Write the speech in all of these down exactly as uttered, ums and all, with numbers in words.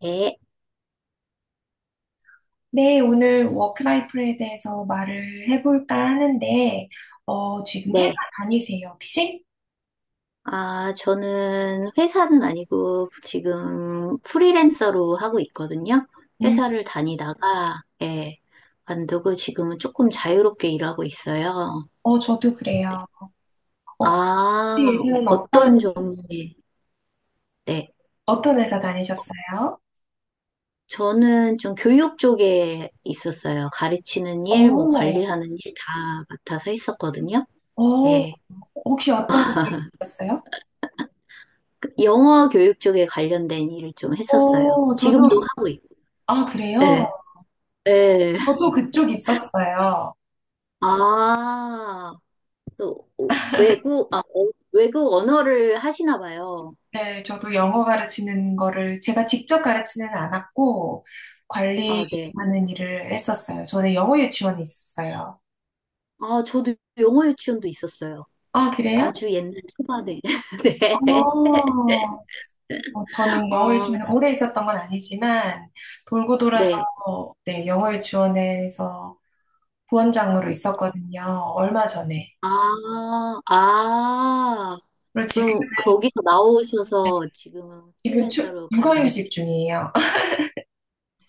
네, 네, 오늘 워크라이프에 대해서 말을 해볼까 하는데, 어, 지금 회사 네. 다니세요, 혹시? 아, 저는 회사는 아니고 지금 프리랜서로 하고 있거든요. 음, 회사를 다니다가, 예, 관두고 지금은 조금 자유롭게 일하고 있어요. 어, 저도 그래요. 어, 혹시 아, 예전엔 어떤, 어떤 종, 네. 어떤 회사 다니셨어요? 저는 좀 교육 쪽에 있었어요. 가르치는 일, 뭐 어, 관리하는 일 다 맡아서 했었거든요. 어, 예. 혹시 어떤 일이셨어요? 그 영어 교육 쪽에 관련된 일을 좀 했었어요. 어, 저도, 지금도 하고 있고, 아, 그래요? 예, 예. 저도 그쪽 있었어요. 아, 또 어, 외국 아, 어, 외국 언어를 하시나 봐요. 네, 저도 영어 가르치는 거를 제가 직접 가르치는 않았고, 아, 네. 관리하는 일을 했었어요. 저는 영어 유치원에 있었어요. 아, 저도 영어 유치원도 있었어요. 아, 그래요? 아주 옛날 초반에. 네. 어, 어, 저는 영어 어, 유치원에 오래 있었던 건 아니지만, 돌고 돌아서, 네. 네, 영어 유치원에서 부원장으로 있었거든요. 얼마 전에. 아, 아. 그리고 지금, 그럼 거기서 나오셔서 지금은 지금 추, 프리랜서로 가르치고. 육아휴직 중이에요.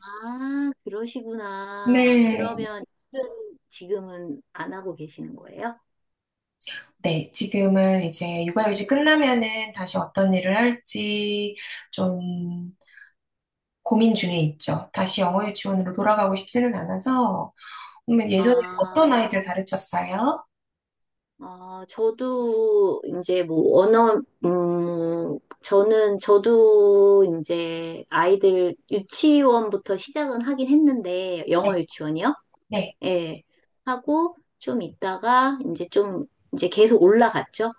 아, 그러시구나. 네. 그러면 일은 지금은 안 하고 계시는 거예요? 네, 지금은 이제 육아휴직 끝나면은 다시 어떤 일을 할지 좀 고민 중에 있죠. 다시 영어 유치원으로 돌아가고 싶지는 않아서, 그러면 예전에 아, 어떤 아이들 가르쳤어요? 아, 저도 이제 뭐 언어, 음, 저는 저도 이제 아이들 유치원부터 시작은 하긴 했는데 네, 영어 유치원이요? 네. 예. 하고 좀 있다가 이제 좀 이제 계속 올라갔죠.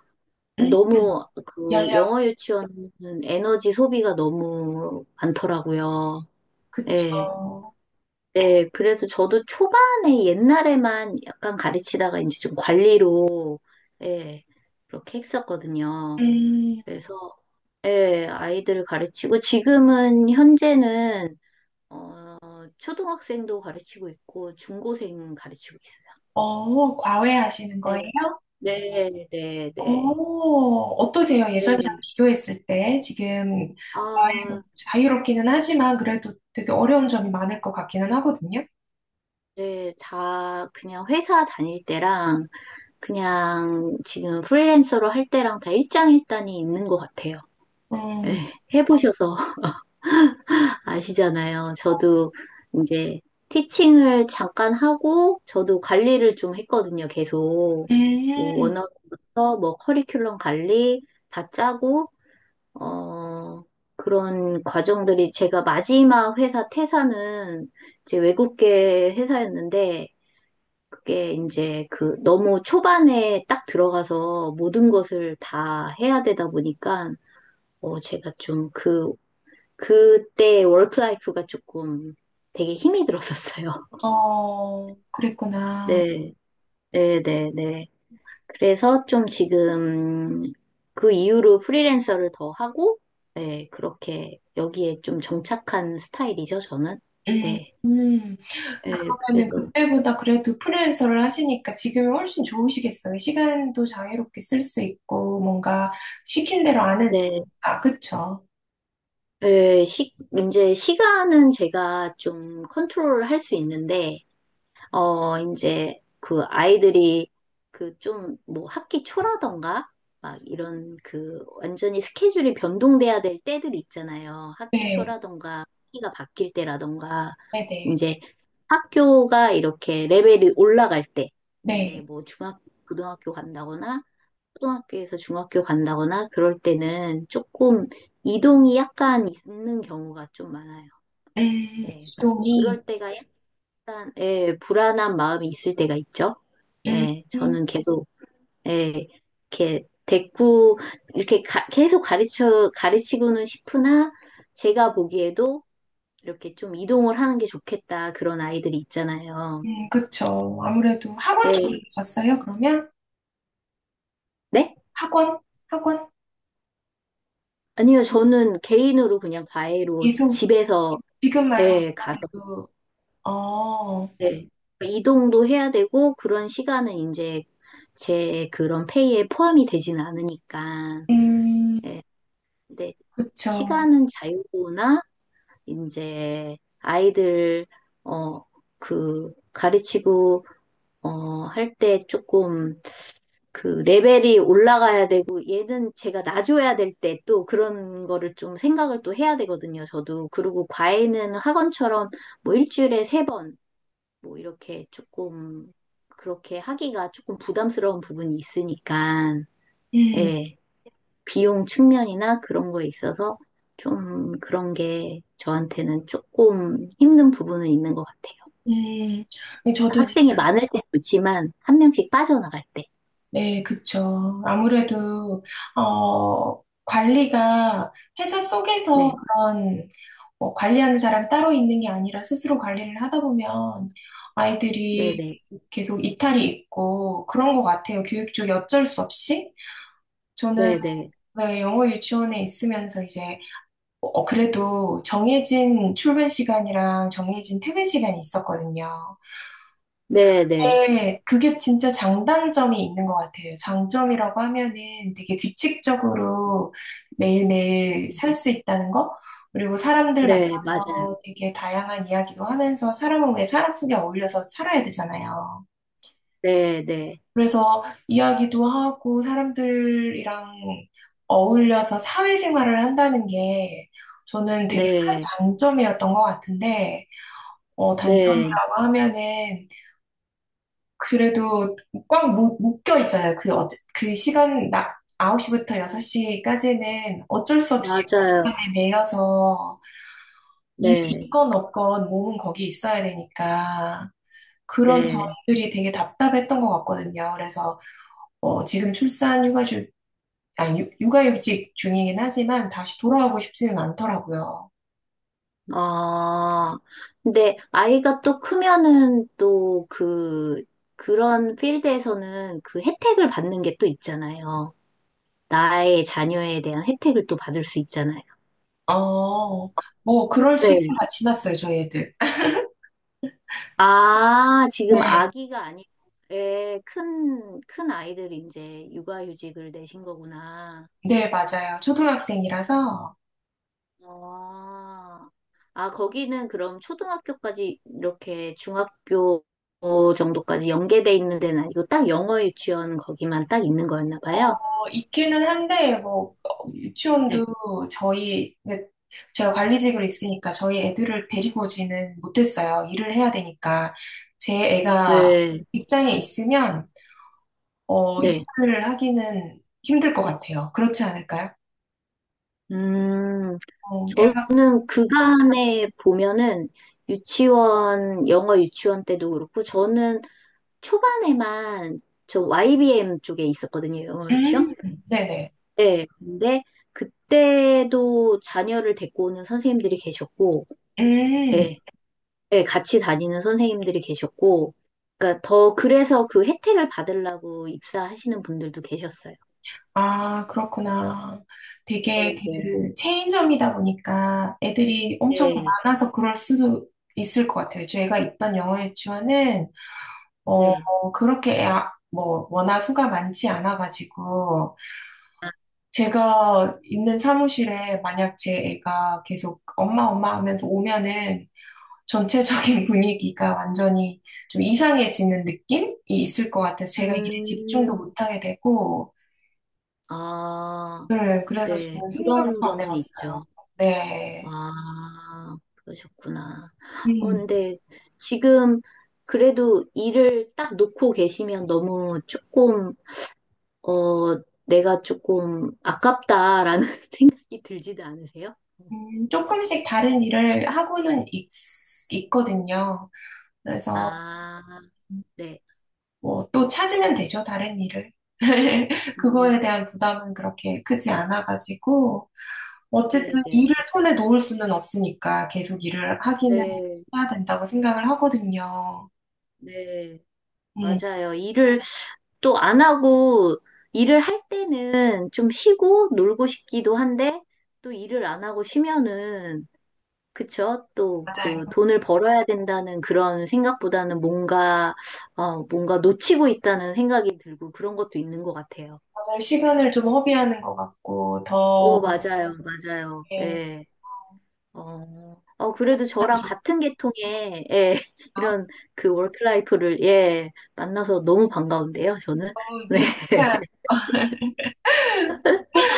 음, 너무 그 연령이? 영어 유치원은 에너지 소비가 너무 많더라고요. 그쵸. 예. 네, 그래서 저도 초반에 옛날에만 약간 가르치다가 이제 좀 관리로, 예, 그렇게 했었거든요. 음, 그래서, 예, 아이들 가르치고 지금은 현재는, 어, 초등학생도 가르치고 있고 중고생 가르치고 있어요. 어, 과외하시는 거예요? 네, 네, 네, 어, 네. 어떠세요? 예전이랑 네. 비교했을 때 지금 과외로 아, 자유롭기는 하지만 그래도 되게 어려운 점이 많을 것 같기는 하거든요. 네, 다 그냥 회사 다닐 때랑 그냥 지금 프리랜서로 할 때랑 다 일장일단이 있는 것 같아요. 에, 음, 해보셔서 아시잖아요. 저도 이제 티칭을 잠깐 하고, 저도 관리를 좀 했거든요, 계속. 뭐 음, 원어부터 뭐 커리큘럼 관리 다 짜고, 어, 그런 과정들이 제가 마지막 회사 퇴사는 이제 외국계 회사였는데, 그게 이제 그 너무 초반에 딱 들어가서 모든 것을 다 해야 되다 보니까, 어, 제가 좀그 그때 워크라이프가 조금 되게 힘이 들었었어요. 어, 그랬구나. 네, 네, 네, 네. 그래서 좀 지금 그 이후로 프리랜서를 더 하고, 네, 그렇게 여기에 좀 정착한 스타일이죠, 저는. 음, 네, 음. 네, 그러면은 그래서. 그때보다 그래도 프리랜서를 하시니까 지금이 훨씬 좋으시겠어요. 시간도 자유롭게 쓸 수 있고 뭔가 시킨 대로 안 해도 네, 되니까. 그쵸? 네, 시, 이제 시간은 제가 좀 컨트롤 할 수 있는데, 어, 이제 그 아이들이 그 좀 뭐 학기 초라던가 막 이런 그 완전히 스케줄이 변동돼야 될 때들이 있잖아요. 학기 네, 초라던가 학기가 바뀔 때라던가 네네. 이제 학교가 이렇게 레벨이 올라갈 때 이제 네. 뭐 중학교, 고등학교 간다거나 초등학교에서 중학교 간다거나 그럴 때는 조금 이동이 약간 있는 경우가 좀 많아요. 음, 네, 그- 이동이, 그럴 때가 일단, 예, 불안한 마음이 있을 때가 있죠. 음, 예, 음, 저는 계속, 예, 이렇게 대꾸, 이렇게 가- 계속 가르쳐, 가르치고는 싶으나, 제가 보기에도 이렇게 좀 이동을 하는 게 좋겠다. 그런 아이들이 있잖아요. 음, 그쵸. 아무래도 학원 쪽에 예, 계셨어요, 그러면? 네? 학원? 학원? 아니요, 저는 개인으로 그냥 과외로 지- 계속, 집에서, 지금 말고 예, 가서, 일단은, 어, 예. 그러니까 이동도 해야 되고, 그런 시간은 이제 제 그런 페이에 포함이 되지는 않으니까. 음, 예, 근데 그쵸. 시간은 자유로우나 이제 아이들 어 그 가르치고 어 할 때 조금 그 레벨이 올라가야 되고 얘는 제가 놔줘야 될 때 또 그런 거를 좀 생각을 또 해야 되거든요. 저도 그리고 과외는 학원처럼 뭐 일주일에 세 번 뭐 이렇게 조금 그렇게 하기가 조금 부담스러운 부분이 있으니까 음, 예. 비용 측면이나 그런 거에 있어서 좀 그런 게 저한테는 조금 힘든 부분은 있는 것 같아요. 음, 네, 저도, 학생이 그러니까 많을 때 좋지만 한 명씩 빠져나갈 때. 네, 그쵸. 아무래도, 어, 관리가 회사 속에서 네, 그런 뭐 관리하는 사람 따로 있는 게 아니라 스스로 관리를 하다 보면 아이들이 네네, 계속 이탈이 있고 그런 것 같아요. 교육 쪽에 어쩔 수 없이. 저는 네네, 네, 영어 유치원에 있으면서 이제 어, 그래도 정해진 출근 시간이랑 정해진 퇴근 시간이 있었거든요. 네네, 네, 네, 네, 그게 진짜 장단점이 있는 것 같아요. 장점이라고 하면은 되게 규칙적으로 매일매일 네. 살 수 있다는 거, 그리고 사람들 네, 맞아요. 만나서 되게 다양한 이야기도 하면서 사람은 왜 사람 속에 어울려서 살아야 되잖아요. 네네, 그래서 이야기도 하고 사람들이랑 어울려서 사회생활을 한다는 게 저는 네, 되게 큰 네, 장점이었던 것 같은데, 어, 네. 단점이라고 하면은 그래도 꽉 무, 묶여 있잖아요. 그, 어, 그 시간, 나, 홉시부터 여섯시까지는 어쩔 수 없이 그 맞아요. 시간에 매여서 일이 네, 있건 없건 몸은 거기 있어야 되니까 그런 네. 점들이 되게 답답했던 것 같거든요. 그래서 어, 지금 출산 휴가 중 아니, 유- 육아휴직 중이긴 하지만 다시 돌아가고 싶지는 않더라고요. 아, 근데 아이가 또 크면은 또 그, 그런 필드에서는 그 혜택을 받는 게 또 있잖아요. 나의 자녀에 대한 혜택을 또 받을 수 있잖아요. 어, 뭐 그럴 네. 시기가 지났어요, 저희 애들. 아, 지금 네, 아기가 아니고, 예, 큰, 큰 아이들이 이제 육아휴직을 내신 거구나. 네, 맞아요. 초등학생이라서. 아, 아, 거기는 그럼 초등학교까지 이렇게 중학교 정도까지 연계돼 있는 데는 아니고 딱 영어 유치원 거기만 딱 있는 거였나 봐요. 어, 있기는 한데, 뭐, 어, 네. 유치원도 저희, 근데 제가 관리직으로 있으니까 저희 애들을 데리고 오지는 못했어요. 일을 해야 되니까. 제 애가 네. 직장에 있으면, 어, 네. 일을 하기는 힘들 것 같아요. 그렇지 않을까요? 음, 어, 애가, 저는 그간에 보면은 유치원, 영어 유치원 때도 그렇고, 저는 초반에만 저 와이비엠 쪽에 있었거든요, 영어 유치원. 음, 네네. 네, 근데 그때도 자녀를 데리고 오는 선생님들이 계셨고, 음, 예, 예, 같이 다니는 선생님들이 계셨고, 그러니까 더 그래서 그 혜택을 받으려고 입사하시는 분들도 계셨어요. 아, 그렇구나. 되게 네, 네, 그 체인점이다 보니까 애들이 엄청 네, 많아서 그럴 수도 있을 것 같아요. 제가 있던 영어 유치원은 네. 어, 그렇게 아- 뭐 워낙 수가 많지 않아가지고 제가 있는 사무실에 만약 제 애가 계속 엄마 엄마 하면서 오면은 전체적인 분위기가 완전히 좀 이상해지는 느낌이 있을 것 같아서 제가 일에 집중도 음, 못하게 되고 아. 네, 그래서 네, 저는 생각도 그런 안 거는 있죠. 해봤어요. 네. 아, 그러셨구나. 어, 음, 근데 지금 그래도 일을 딱 놓고 계시면 너무 조금, 어, 내가 조금 아깝다라는 생각이 들지도 않으세요? 음, 조금씩 다른 일을 하고는 있, 있거든요. 그래서 음, 아, 네. 뭐 또 찾으면 되죠, 다른 일을. 음, 그거에 대한 부담은 그렇게 크지 않아가지고, 네, 어쨌든 네. 일을 손에 놓을 수는 없으니까 계속 일을 하기는 네, 해야 된다고 생각을 하거든요. 네. 음, 맞아요. 일을 또 안 하고, 일을 할 때는 좀 쉬고 놀고 싶기도 한데, 또 일을 안 하고 쉬면은 그쵸? 또 맞아요. 그 돈을 벌어야 된다는 그런 생각보다는 뭔가, 어, 뭔가 놓치고 있다는 생각이 들고 그런 것도 있는 것 같아요. 맞아요. 시간을 좀 허비하는 것 같고, 더, 오, 맞아요, 어, 맞아요. 이렇게 예. 어, 어, 그래도 저랑 자기만족감? 같은 계통의, 예, 이런 그 워크라이프를, 예, 만나서 너무 반가운데요, 저는. 너무, 네. 네, 진짜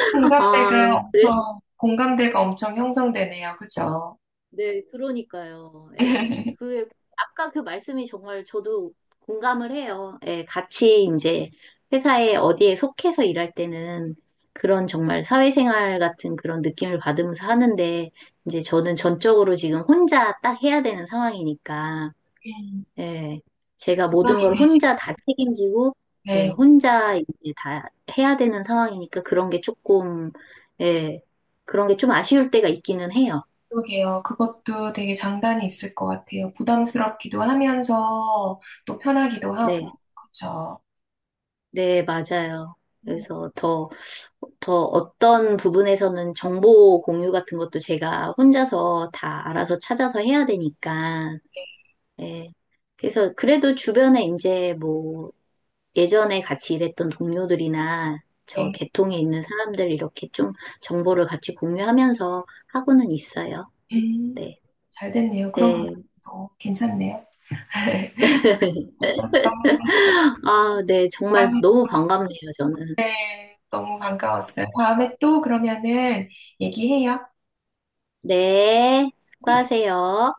공감대가 아, 그래 엄청, 공감대가 엄청 형성되네요. 그죠? 네, 그러니까요. 예. 그, 아까 그 말씀이 정말 저도 공감을 해요. 예, 같이 이제 회사에 어디에 속해서 일할 때는 그런 정말 사회생활 같은 그런 느낌을 받으면서 하는데, 이제 저는 전적으로 지금 혼자 딱 해야 되는 상황이니까, 음, 예, 제가 모든 걸 부담이, 혼자 다 책임지고, 예, 네. 혼자 이제 다 해야 되는 상황이니까 그런 게 조금, 예, 그런 게 좀 아쉬울 때가 있기는 해요. 그러게요. 그것도 되게 장단이 있을 것 같아요. 부담스럽기도 하면서 또 편하기도 하고. 네. 그렇죠. 네, 맞아요. 음, 그래서 더, 더 어떤 부분에서는 정보 공유 같은 것도 제가 혼자서 다 알아서 찾아서 해야 되니까, 예. 그래서 그래도 주변에 이제 뭐 예전에 같이 일했던 동료들이나 저 네. 계통에 있는 사람들 이렇게 좀 정보를 같이 공유하면서 하고는 있어요. 음, 네, 잘 됐네요. 네. 그럼 또 괜찮네요. 그 아, 네. 정말 다음에 너무 반갑네요, 저는. 너무 반가웠어요. 다음에 또 그러면은 얘기해요. 네. 네. 수고하세요.